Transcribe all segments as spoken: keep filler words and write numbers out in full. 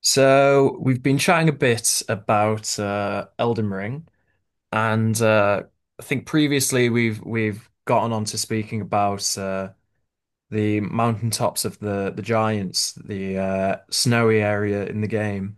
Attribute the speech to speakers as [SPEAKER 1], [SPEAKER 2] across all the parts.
[SPEAKER 1] So we've been chatting a bit about uh, Elden Ring, and uh, I think previously we've we've gotten on to speaking about uh, the mountaintops of the the giants, the uh, snowy area in the game,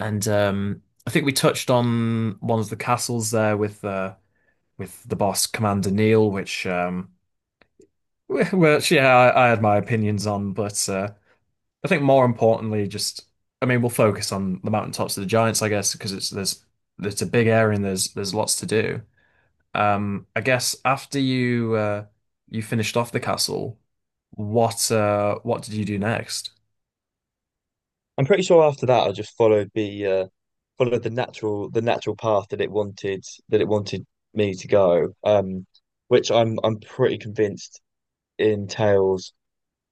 [SPEAKER 1] and um, I think we touched on one of the castles there with uh, with the boss Commander Neil, which um, which yeah, I, I had my opinions on, but uh, I think more importantly, just I mean, we'll focus on the mountaintops of the Giants, I guess, because it's there's it's a big area and there's there's lots to do. Um, I guess after you uh, you finished off the castle, what uh, what did you do next?
[SPEAKER 2] I'm pretty sure after that I just followed the uh followed the natural the natural path that it wanted that it wanted me to go. Um which I'm I'm pretty convinced entails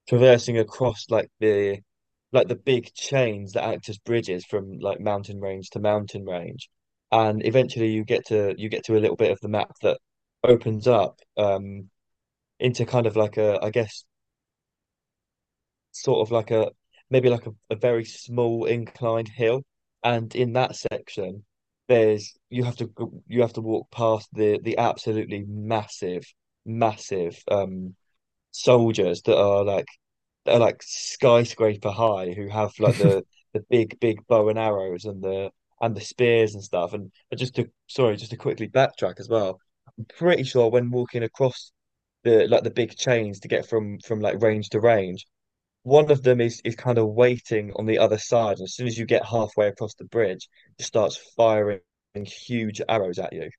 [SPEAKER 2] traversing across like the like the big chains that act as bridges from like mountain range to mountain range. And eventually you get to you get to a little bit of the map that opens up um into kind of like a, I guess, sort of like a, maybe like a, a very small inclined hill, and in that section, there's you have to go- you have to walk past the the absolutely massive, massive um soldiers that are like that are like skyscraper high who have like the the big big bow and arrows and the and the spears and stuff. And and just to Sorry, just to quickly backtrack as well, I'm pretty sure when walking across the like the big chains to get from from like range to range, one of them is is kind of waiting on the other side. And as soon as you get halfway across the bridge, it starts firing huge arrows at you.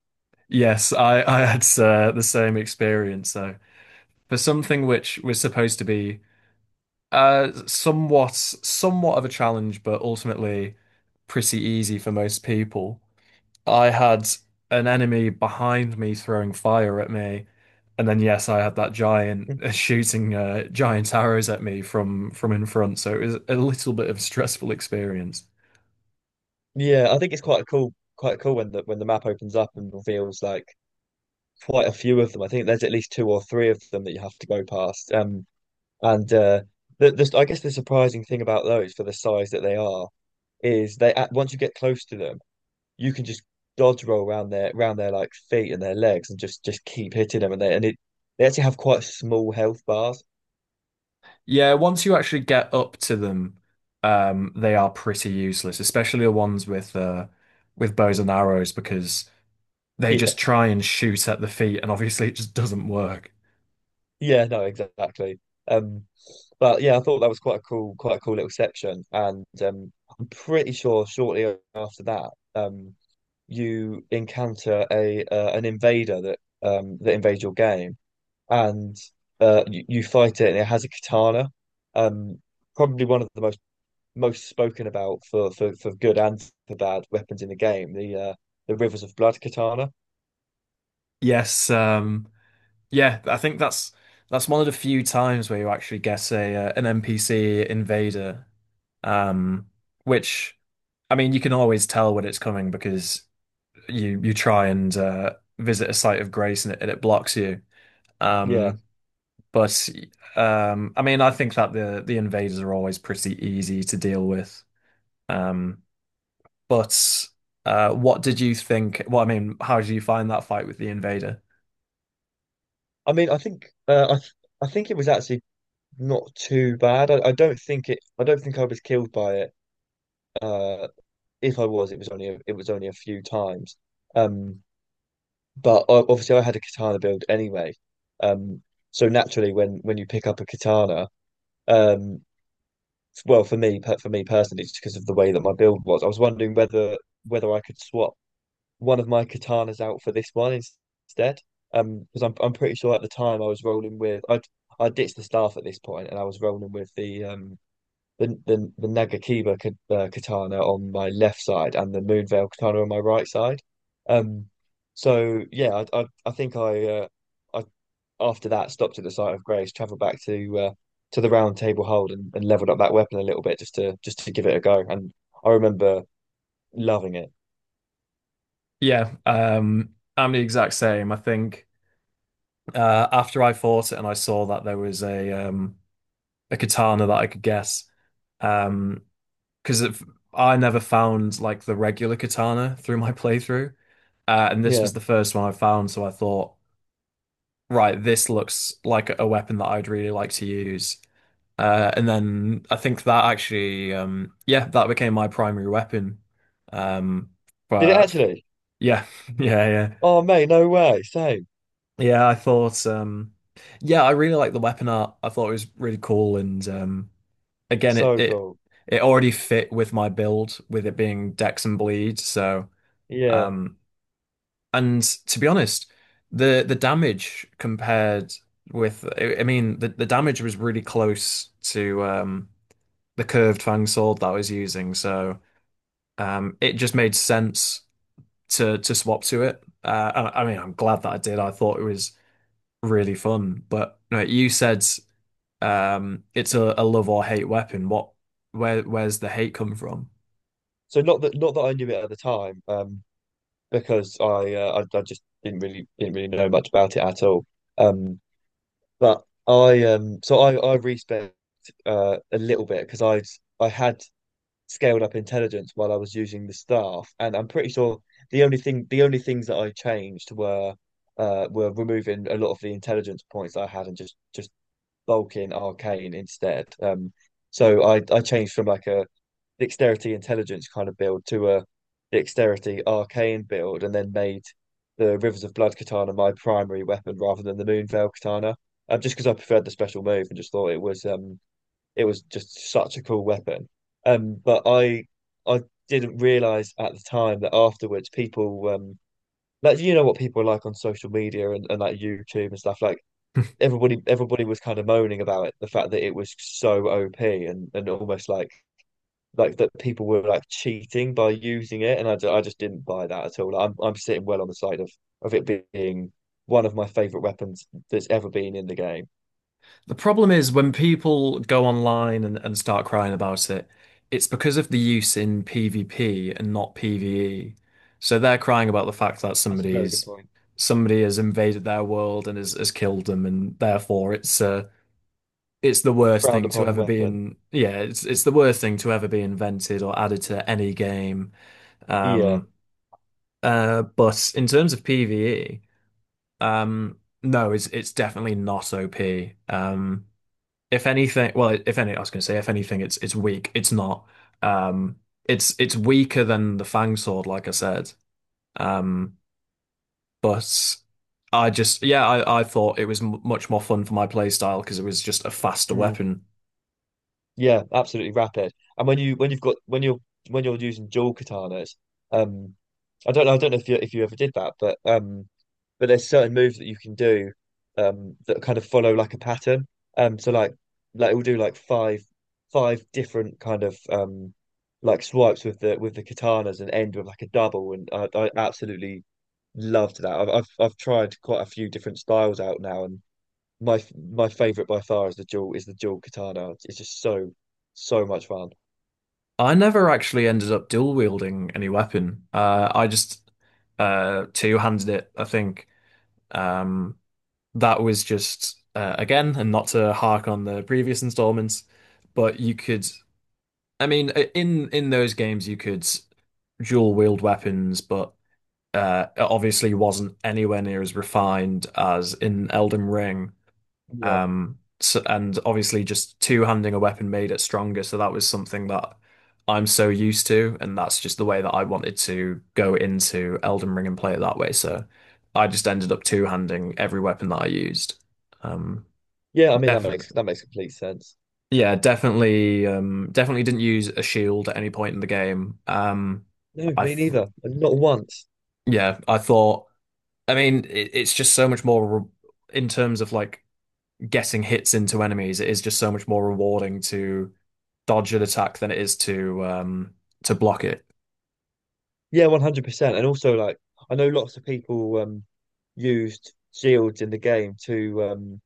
[SPEAKER 1] Yes, I I had uh, the same experience. So for something which was supposed to be uh, somewhat somewhat of a challenge, but ultimately pretty easy for most people. I had an enemy behind me throwing fire at me, and then yes, I had that giant shooting uh, giant arrows at me from from in front. So it was a little bit of a stressful experience.
[SPEAKER 2] Yeah, I think it's quite cool, quite cool when the when the map opens up and reveals like quite a few of them. I think there's at least two or three of them that you have to go past. Um, and uh, the, the I guess the surprising thing about those for the size that they are is they, at once you get close to them, you can just dodge roll around their around their like feet and their legs and just just keep hitting them and they and it they actually have quite small health bars.
[SPEAKER 1] Yeah, once you actually get up to them, um, they are pretty useless, especially the ones with uh, with bows and arrows because they
[SPEAKER 2] Yeah,
[SPEAKER 1] just try and shoot at the feet, and obviously it just doesn't work.
[SPEAKER 2] yeah, no, exactly. Um, but Yeah, I thought that was quite a cool, quite a cool little section, and um, I'm pretty sure shortly after that, um, you encounter a uh, an invader that um that invades your game, and uh, you, you fight it, and it has a katana, um, probably one of the most most spoken about, for for for good and for bad, weapons in the game, the uh, the Rivers of Blood katana.
[SPEAKER 1] Yes, um, yeah, I think that's that's one of the few times where you actually get a uh, an N P C invader, um, which I mean you can always tell when it's coming because you you try and uh, visit a site of grace and it, and it blocks you.
[SPEAKER 2] Yeah,
[SPEAKER 1] Um, But um, I mean, I think that the the invaders are always pretty easy to deal with. Um, but uh, what did you think? Well, I mean, how did you find that fight with the invader?
[SPEAKER 2] I mean, I think uh, I th I think it was actually not too bad. I, I don't think it. I don't think I was killed by it. Uh, if I was, it was only a, it was only a few times. Um, but o- obviously, I had a katana build anyway. Um, so naturally, when when you pick up a katana, um, well, for me, per- for me personally, it's because of the way that my build was. I was wondering whether whether I could swap one of my katanas out for this one instead. Um, because I'm I'm pretty sure at the time I was rolling with I I ditched the staff at this point and I was rolling with the um the the, the Nagakiba ka- uh, katana on my left side and the Moonveil katana on my right side. Um, so yeah, I I, I think I uh I after that stopped at the site of Grace, travelled back to uh to the Round Table Hold and, and leveled up that weapon a little bit, just to just to give it a go, and I remember loving it.
[SPEAKER 1] Yeah, um, I'm the exact same. I think uh, after I fought it and I saw that there was a um, a katana that I could guess, um, because I never found like the regular katana through my playthrough, uh, and this
[SPEAKER 2] Yeah,
[SPEAKER 1] was the first one I found, so I thought. Right, this looks like a weapon that I'd really like to use. Uh, and then I think that actually, um, yeah, that became my primary weapon. Um,
[SPEAKER 2] did it
[SPEAKER 1] but
[SPEAKER 2] actually?
[SPEAKER 1] yeah, yeah, yeah,
[SPEAKER 2] Oh mate, no way. Same.
[SPEAKER 1] yeah. I thought, um, yeah, I really liked the weapon art. I thought it was really cool, and um, again, it
[SPEAKER 2] So
[SPEAKER 1] it
[SPEAKER 2] cool.
[SPEAKER 1] it already fit with my build, with it being Dex and Bleed. So
[SPEAKER 2] Yeah.
[SPEAKER 1] um, and to be honest, the the damage compared with I I mean the, the damage was really close to um the curved fang sword that I was using, so um it just made sense to to swap to it. Uh and I I mean I'm glad that I did. I thought it was really fun. But no, you said um it's a, a love or hate weapon. What where where's the hate come from?
[SPEAKER 2] So not that not that I knew it at the time, um, because I, uh, I I just didn't really didn't really know much about it at all. Um, but I um so I I respec uh a little bit because I I had scaled up intelligence while I was using the staff, and I'm pretty sure the only thing the only things that I changed were uh were removing a lot of the intelligence points that I had and just just bulking arcane instead. Um, so I I changed from like a dexterity intelligence kind of build to a dexterity arcane build, and then made the Rivers of Blood katana my primary weapon rather than the Moonveil katana. Um, just because I preferred the special move and just thought it was um it was just such a cool weapon. Um, but I I didn't realize at the time that afterwards people um like, you know what people are like on social media and, and like YouTube and stuff, like everybody everybody was kind of moaning about it, the fact that it was so O P and and almost like like that people were like cheating by using it, and I, ju- I just didn't buy that at all. I'm I'm sitting well on the side of of it being one of my favorite weapons that's ever been in the game.
[SPEAKER 1] The problem is when people go online and, and start crying about it, it's because of the use in PvP and not PvE. So they're crying about the fact that
[SPEAKER 2] That's a very good
[SPEAKER 1] somebody's
[SPEAKER 2] point.
[SPEAKER 1] somebody has invaded their world and has, has killed them, and therefore it's uh, it's the worst
[SPEAKER 2] Frowned
[SPEAKER 1] thing to
[SPEAKER 2] upon
[SPEAKER 1] ever be
[SPEAKER 2] weapon.
[SPEAKER 1] in. Yeah, it's it's the worst thing to ever be invented or added to any game.
[SPEAKER 2] Yeah.
[SPEAKER 1] Um, uh, but in terms of PvE, um, no, it's it's definitely not O P. Um, if anything, well, if any, I was going to say, if anything, it's it's weak. It's not. Um, it's it's weaker than the Fang Sword, like I said. Um, but I just, yeah, I I thought it was m much more fun for my playstyle because it was just a faster
[SPEAKER 2] Hmm.
[SPEAKER 1] weapon.
[SPEAKER 2] Yeah, absolutely rapid. And when you when you've got when you're when you're using dual katanas, um, I don't know, I don't know if you if you ever did that, but um, but there's certain moves that you can do, um, that kind of follow like a pattern. Um, so like like it will do like five five different kind of um like swipes with the with the katanas and end with like a double, and I, I absolutely loved that. I've I've I've tried quite a few different styles out now, and my my favorite by far is the dual is the dual katana. It's just so so much fun.
[SPEAKER 1] I never actually ended up dual wielding any weapon. Uh, I just uh two-handed it, I think. Um, that was just uh, again, and not to hark on the previous installments, but you could. I mean, uh, in in those games, you could dual wield weapons, but uh, it obviously wasn't anywhere near as refined as in Elden Ring.
[SPEAKER 2] Yeah,
[SPEAKER 1] Um, so, and obviously, just two-handing a weapon made it stronger. So that was something that I'm so used to, and that's just the way that I wanted to go into Elden Ring and play it that way. So I just ended up two-handing every weapon that I used. Um,
[SPEAKER 2] yeah. I mean that
[SPEAKER 1] def
[SPEAKER 2] makes that makes complete sense.
[SPEAKER 1] Yeah, definitely, um, definitely didn't use a shield at any point in the game. Um,
[SPEAKER 2] No,
[SPEAKER 1] I,
[SPEAKER 2] me
[SPEAKER 1] th-
[SPEAKER 2] neither. Not once.
[SPEAKER 1] yeah, I thought. I mean, it, it's just so much more re in terms of like getting hits into enemies. It is just so much more rewarding to dodge an attack than it is to um to block it.
[SPEAKER 2] Yeah, one hundred percent. And also, like, I know lots of people um used shields in the game to um.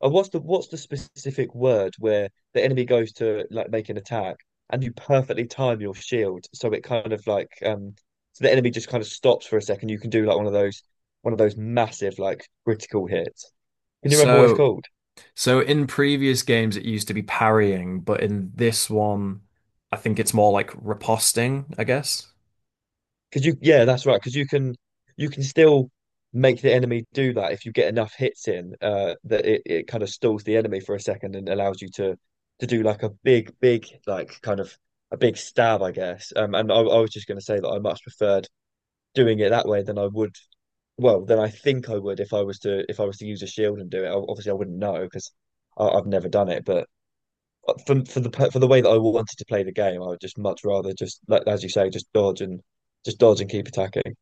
[SPEAKER 2] Oh, what's the what's the specific word where the enemy goes to like make an attack and you perfectly time your shield so it kind of like um so the enemy just kind of stops for a second. You can do like one of those one of those massive like critical hits. Can you remember what it's
[SPEAKER 1] So,
[SPEAKER 2] called?
[SPEAKER 1] so in previous games, it used to be parrying, but in this one, I think it's more like riposting, I guess.
[SPEAKER 2] Because you, yeah, that's right. Because you can, you can still make the enemy do that if you get enough hits in. Uh, that it, it kind of stalls the enemy for a second and allows you to to do like a big, big, like kind of a big stab, I guess. Um, and I, I was just going to say that I much preferred doing it that way than I would. Well, than I think I would if I was to if I was to use a shield and do it. Ob- Obviously, I wouldn't know because I've never done it, but. For for the for the way that I wanted to play the game, I would just much rather, just, like as you say, just dodge and just dodge and keep attacking.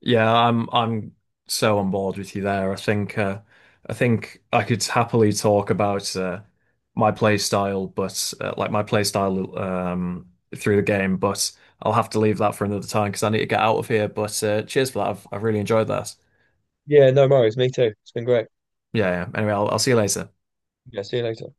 [SPEAKER 1] Yeah, I'm I'm so on board with you there. I think uh, I think I could happily talk about uh, my play style, but uh, like my play style um, through the game, but I'll have to leave that for another time because I need to get out of here. But uh, cheers for that. I've I've really enjoyed that.
[SPEAKER 2] Yeah, no worries. Me too. It's been great.
[SPEAKER 1] Yeah, yeah. Anyway, I'll I'll see you later.
[SPEAKER 2] Yeah, see you later.